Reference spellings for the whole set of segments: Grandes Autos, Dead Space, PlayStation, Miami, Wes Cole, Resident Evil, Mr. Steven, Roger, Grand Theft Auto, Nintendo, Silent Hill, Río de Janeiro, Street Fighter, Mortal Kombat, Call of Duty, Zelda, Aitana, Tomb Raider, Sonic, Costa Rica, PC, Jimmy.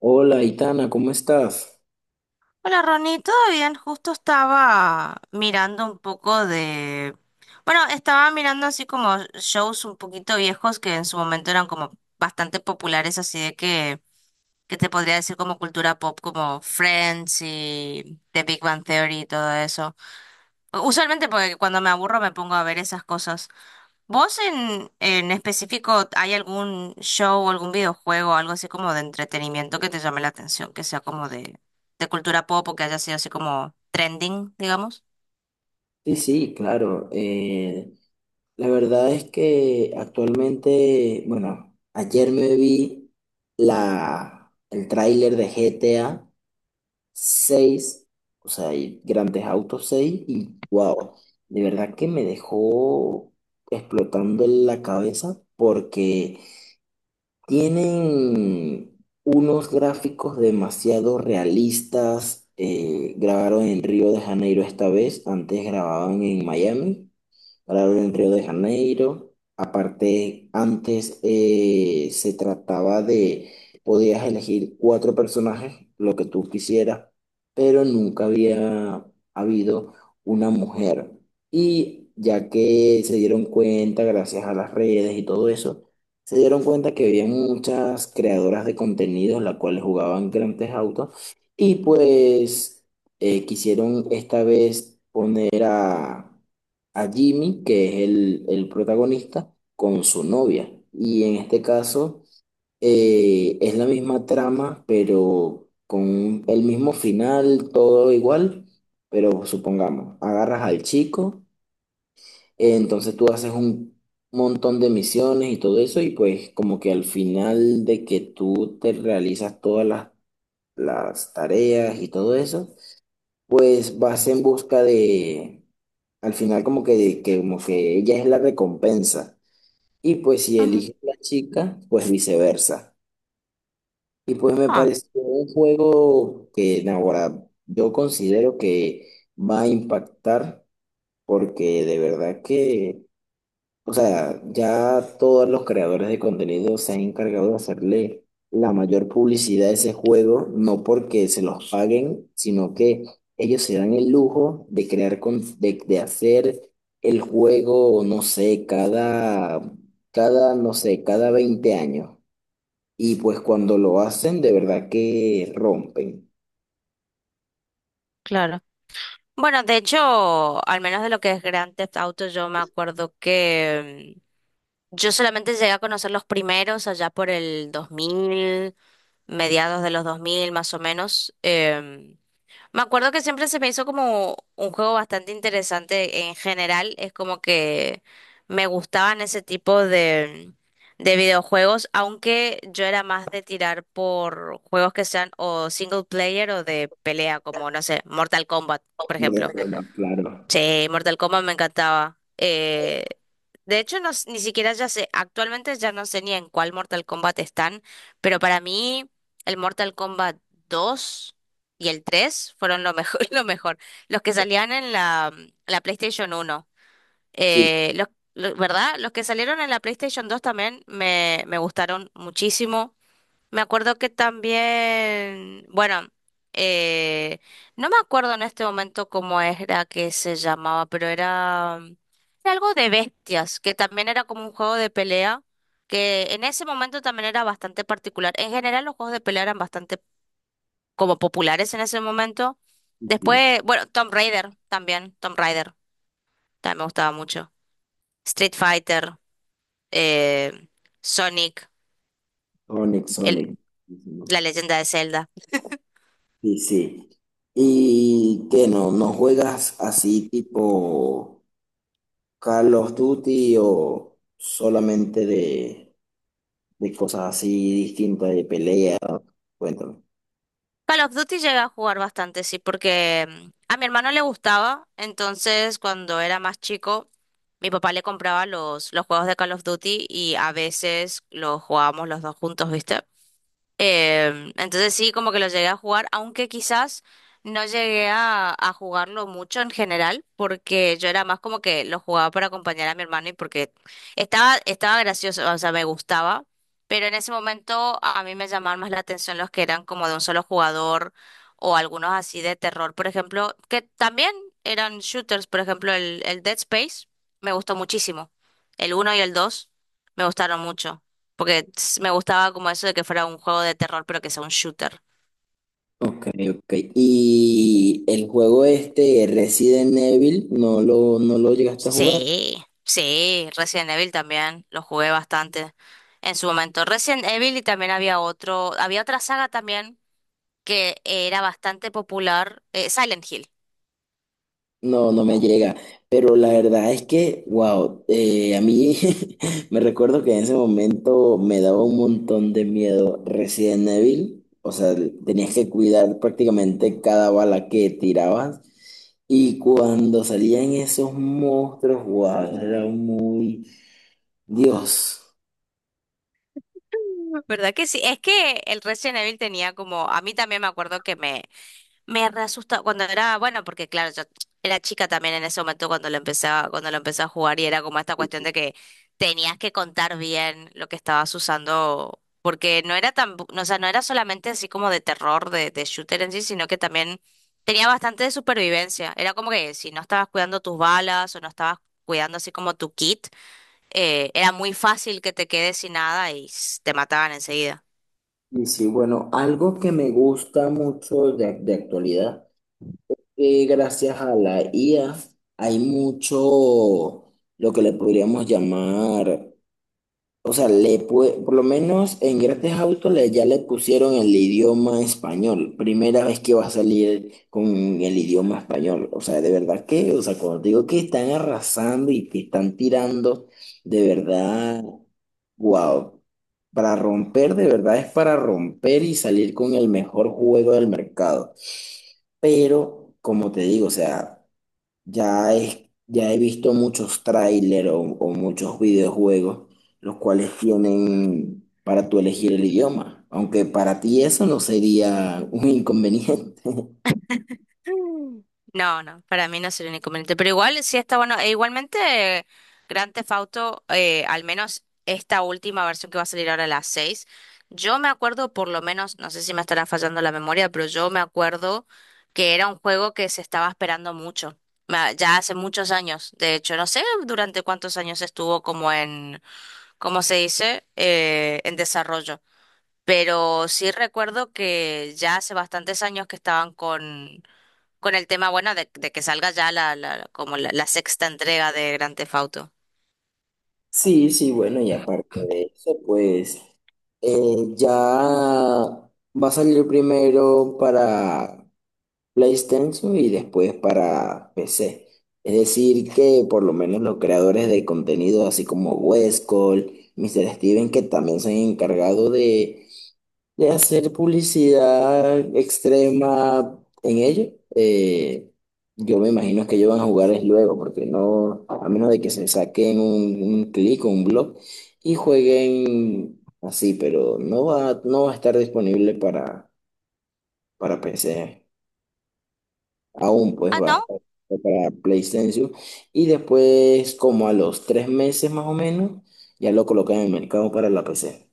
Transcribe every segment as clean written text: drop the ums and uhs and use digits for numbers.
Hola, Itana, ¿cómo estás? Hola Ronnie, ¿todo bien? Justo estaba mirando un poco de... Bueno, estaba mirando así como shows un poquito viejos que en su momento eran como bastante populares, así de que te podría decir como cultura pop, como Friends y The Big Bang Theory y todo eso. Usualmente porque cuando me aburro me pongo a ver esas cosas. ¿Vos en específico hay algún show o algún videojuego, algo así como de entretenimiento que te llame la atención, que sea como de cultura pop o que haya sido así como trending, digamos? Sí, sí, claro. La verdad es que actualmente, bueno, ayer me vi el tráiler de GTA 6, o sea, y Grandes Autos 6. Y wow, de verdad que me dejó explotando en la cabeza porque tienen unos gráficos demasiado realistas. Grabaron en Río de Janeiro esta vez, antes grababan en Miami, para ver en Río de Janeiro. Aparte, antes podías elegir 4 personajes, lo que tú quisieras, pero nunca había habido una mujer. Y ya que se dieron cuenta, gracias a las redes y todo eso, se dieron cuenta que había muchas creadoras de contenidos, las cuales jugaban grandes autos, y pues quisieron esta vez poner a Jimmy, que es el protagonista, con su novia. Y en este caso es la misma trama, pero con el mismo final, todo igual. Pero supongamos, agarras al chico, entonces tú haces un montón de misiones y todo eso, y pues como que al final de que tú te realizas todas las tareas y todo eso, pues vas en busca de, al final como que, de que como que ella es la recompensa. Y pues si Ujú. eliges la chica, pues viceversa. Y pues me Ah. pareció un juego que no, ahora yo considero que va a impactar, porque de verdad que, o sea, ya todos los creadores de contenido se han encargado de hacerle la mayor publicidad a ese juego, no porque se los paguen, sino que ellos se dan el lujo de crear, de hacer el juego, no sé, cada, no sé, cada 20 años. Y pues cuando lo hacen, de verdad que rompen. Claro. Bueno, de hecho, al menos de lo que es Grand Theft Auto, yo me acuerdo que yo solamente llegué a conocer los primeros allá por el dos mil, mediados de los 2000 más o menos. Me acuerdo que siempre se me hizo como un juego bastante interesante en general. Es como que me gustaban ese tipo de videojuegos, aunque yo era más de tirar por juegos que sean o single player o de pelea, como no sé, Mortal Kombat, por Como ejemplo. rompen, claro. Sí, Mortal Kombat me encantaba. De hecho, no, ni siquiera ya sé, actualmente ya no sé ni en cuál Mortal Kombat están, pero para mí el Mortal Kombat 2 y el 3 fueron lo mejor, lo mejor. Los que salían en la PlayStation uno. Sí, Eh, los, ¿Verdad? Los que salieron en la PlayStation dos también me gustaron muchísimo. Me acuerdo que también, bueno, eh, no me acuerdo en este momento cómo era que se llamaba, pero era algo de bestias, que también era como un juego de pelea, que en ese momento también era bastante particular. En general los juegos de pelea eran bastante como populares en ese momento. sí, sí. Después, bueno, Tomb Raider también me gustaba mucho. Street Fighter, eh, Sonic, Sonic, el, Sonic. Sí, sí. la leyenda de Zelda. Sí, sí. ¿Y qué no? ¿No juegas así tipo Call of Duty o solamente de cosas así distintas de pelea? Cuéntame. Call of Duty llegué a jugar bastante, sí, porque a mi hermano le gustaba, entonces cuando era más chico, mi papá le compraba los juegos de Call of Duty y a veces los jugábamos los dos juntos, ¿viste? Entonces sí, como que lo llegué a jugar, aunque quizás no llegué a jugarlo mucho en general, porque yo era más como que lo jugaba para acompañar a mi hermano y porque estaba gracioso, o sea, me gustaba, pero en ese momento a mí me llamaban más la atención los que eran como de un solo jugador o algunos así de terror, por ejemplo, que también eran shooters, por ejemplo, el Dead Space me gustó muchísimo, el uno y el 2 me gustaron mucho. Porque me gustaba como eso de que fuera un juego de terror, pero que sea un shooter. Ok, ok. ¿Y el juego este, Resident Evil, no lo llegaste a jugar? Sí, sí, Resident Evil también, lo jugué bastante en su momento. Resident Evil y también había otro, había otra saga también que era bastante popular, Silent Hill. No, no me llega, pero la verdad es que, wow, a mí me recuerdo que en ese momento me daba un montón de miedo Resident Evil, o sea, tenías que cuidar prácticamente cada bala que tirabas, y cuando salían esos monstruos, wow, era muy Dios. ¿Verdad que sí? Es que el Resident Evil tenía como, a mí también me acuerdo que me re cuando era, bueno, porque claro, yo era chica también en ese momento cuando lo empecé cuando lo empecé a jugar y era como esta cuestión de que tenías que contar bien lo que estabas usando, porque no era tan, o sea, no era solamente así como de terror, de shooter en sí, sino que también tenía bastante de supervivencia. Era como que si no estabas cuidando tus balas o no estabas cuidando así como tu kit era muy fácil que te quedes sin nada y te mataban enseguida. Y sí, bueno, algo que me gusta mucho de actualidad, que gracias a la IA hay mucho, lo que le podríamos llamar, o sea, por lo menos en Grand Theft Auto le, ya le pusieron el idioma español, primera vez que va a salir con el idioma español. O sea, de verdad que, o sea, cuando digo que están arrasando y que están tirando, de verdad, wow, para romper, de verdad es para romper y salir con el mejor juego del mercado. Pero, como te digo, o sea, ya he visto muchos trailers o muchos videojuegos, los cuales tienen para tú elegir el idioma, aunque para ti eso no sería un inconveniente. Mm. No, no, para mí no sería un inconveniente. Pero igual sí está bueno. E igualmente, eh, Grand Theft Auto, al menos esta última versión que va a salir ahora a las seis, yo me acuerdo por lo menos, no sé si me estará fallando la memoria, pero yo me acuerdo que era un juego que se estaba esperando mucho. Ya hace muchos años, de hecho, no sé durante cuántos años estuvo como en, ¿cómo se dice? En desarrollo. Pero sí recuerdo que ya hace bastantes años que estaban con el tema, bueno, de que salga ya como la sexta entrega de Grand Theft Auto. Sí, sí, bueno, y aparte de eso, pues ya va a salir primero para PlayStation y después para PC. Es decir, que por lo menos los creadores de contenido, así como Wes Cole, Mr. Steven, que también se han encargado de hacer publicidad extrema en ello, yo me imagino que ellos van a jugar es luego, porque no, a menos de que se saquen un clic o un blog y jueguen así, pero no va a estar disponible para PC. Aún pues Ah, va a ¿no? estar para PlayStation. Y después, como a los 3 meses más o menos, ya lo colocan en el mercado para la PC.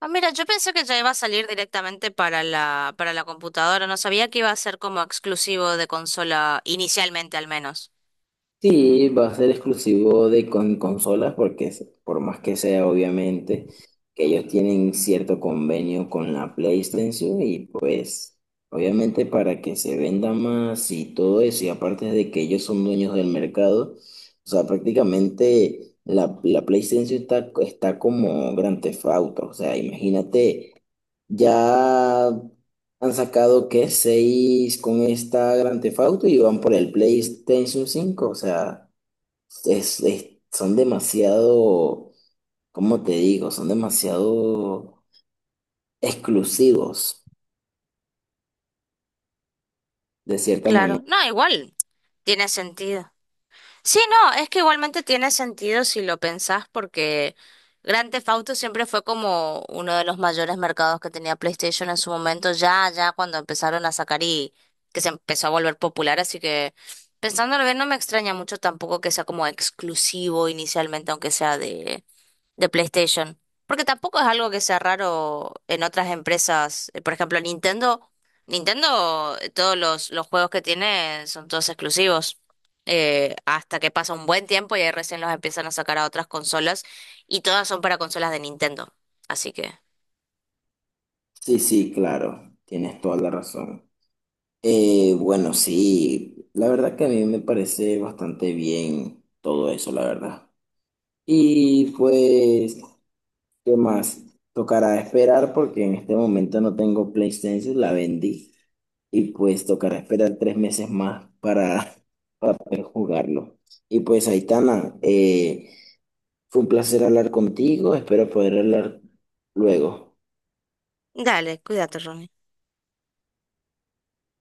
Ah, mira, yo pensé que ya iba a salir directamente para para la computadora, no sabía que iba a ser como exclusivo de consola inicialmente al menos. Sí, va a ser exclusivo de con consolas, porque es- por más que sea, obviamente, que ellos tienen cierto convenio con la PlayStation y pues obviamente para que se venda más y todo eso, y aparte de que ellos son dueños del mercado, o sea, prácticamente la PlayStation está, está como Grand Theft Auto, o sea, imagínate. Ya han sacado que 6 con esta Grand Theft Auto y van por el PlayStation 5. O sea, es- son demasiado, ¿cómo te digo? Son demasiado exclusivos, de cierta Claro, manera. no, igual, tiene sentido. Sí, no, es que igualmente tiene sentido si lo pensás porque Grand Theft Auto siempre fue como uno de los mayores mercados que tenía PlayStation en su momento, ya cuando empezaron a sacar y que se empezó a volver popular, así que pensándolo bien no me extraña mucho tampoco que sea como exclusivo inicialmente, aunque sea de PlayStation. Porque tampoco es algo que sea raro en otras empresas. Por ejemplo, Nintendo, todos los juegos que tiene son todos exclusivos. Hasta que pasa un buen tiempo y ahí recién los empiezan a sacar a otras consolas. Y todas son para consolas de Nintendo. Así que, Sí, sí, claro, tienes toda la razón. Bueno, sí, la verdad que a mí me parece bastante bien todo eso, la verdad. Y pues ¿qué más? Tocará esperar porque en este momento no tengo PlayStation, la vendí. Y pues tocará esperar 3 meses más para poder jugarlo. Y pues Aitana, fue un placer hablar contigo, espero poder hablar luego. dale, cuídate, Ronnie.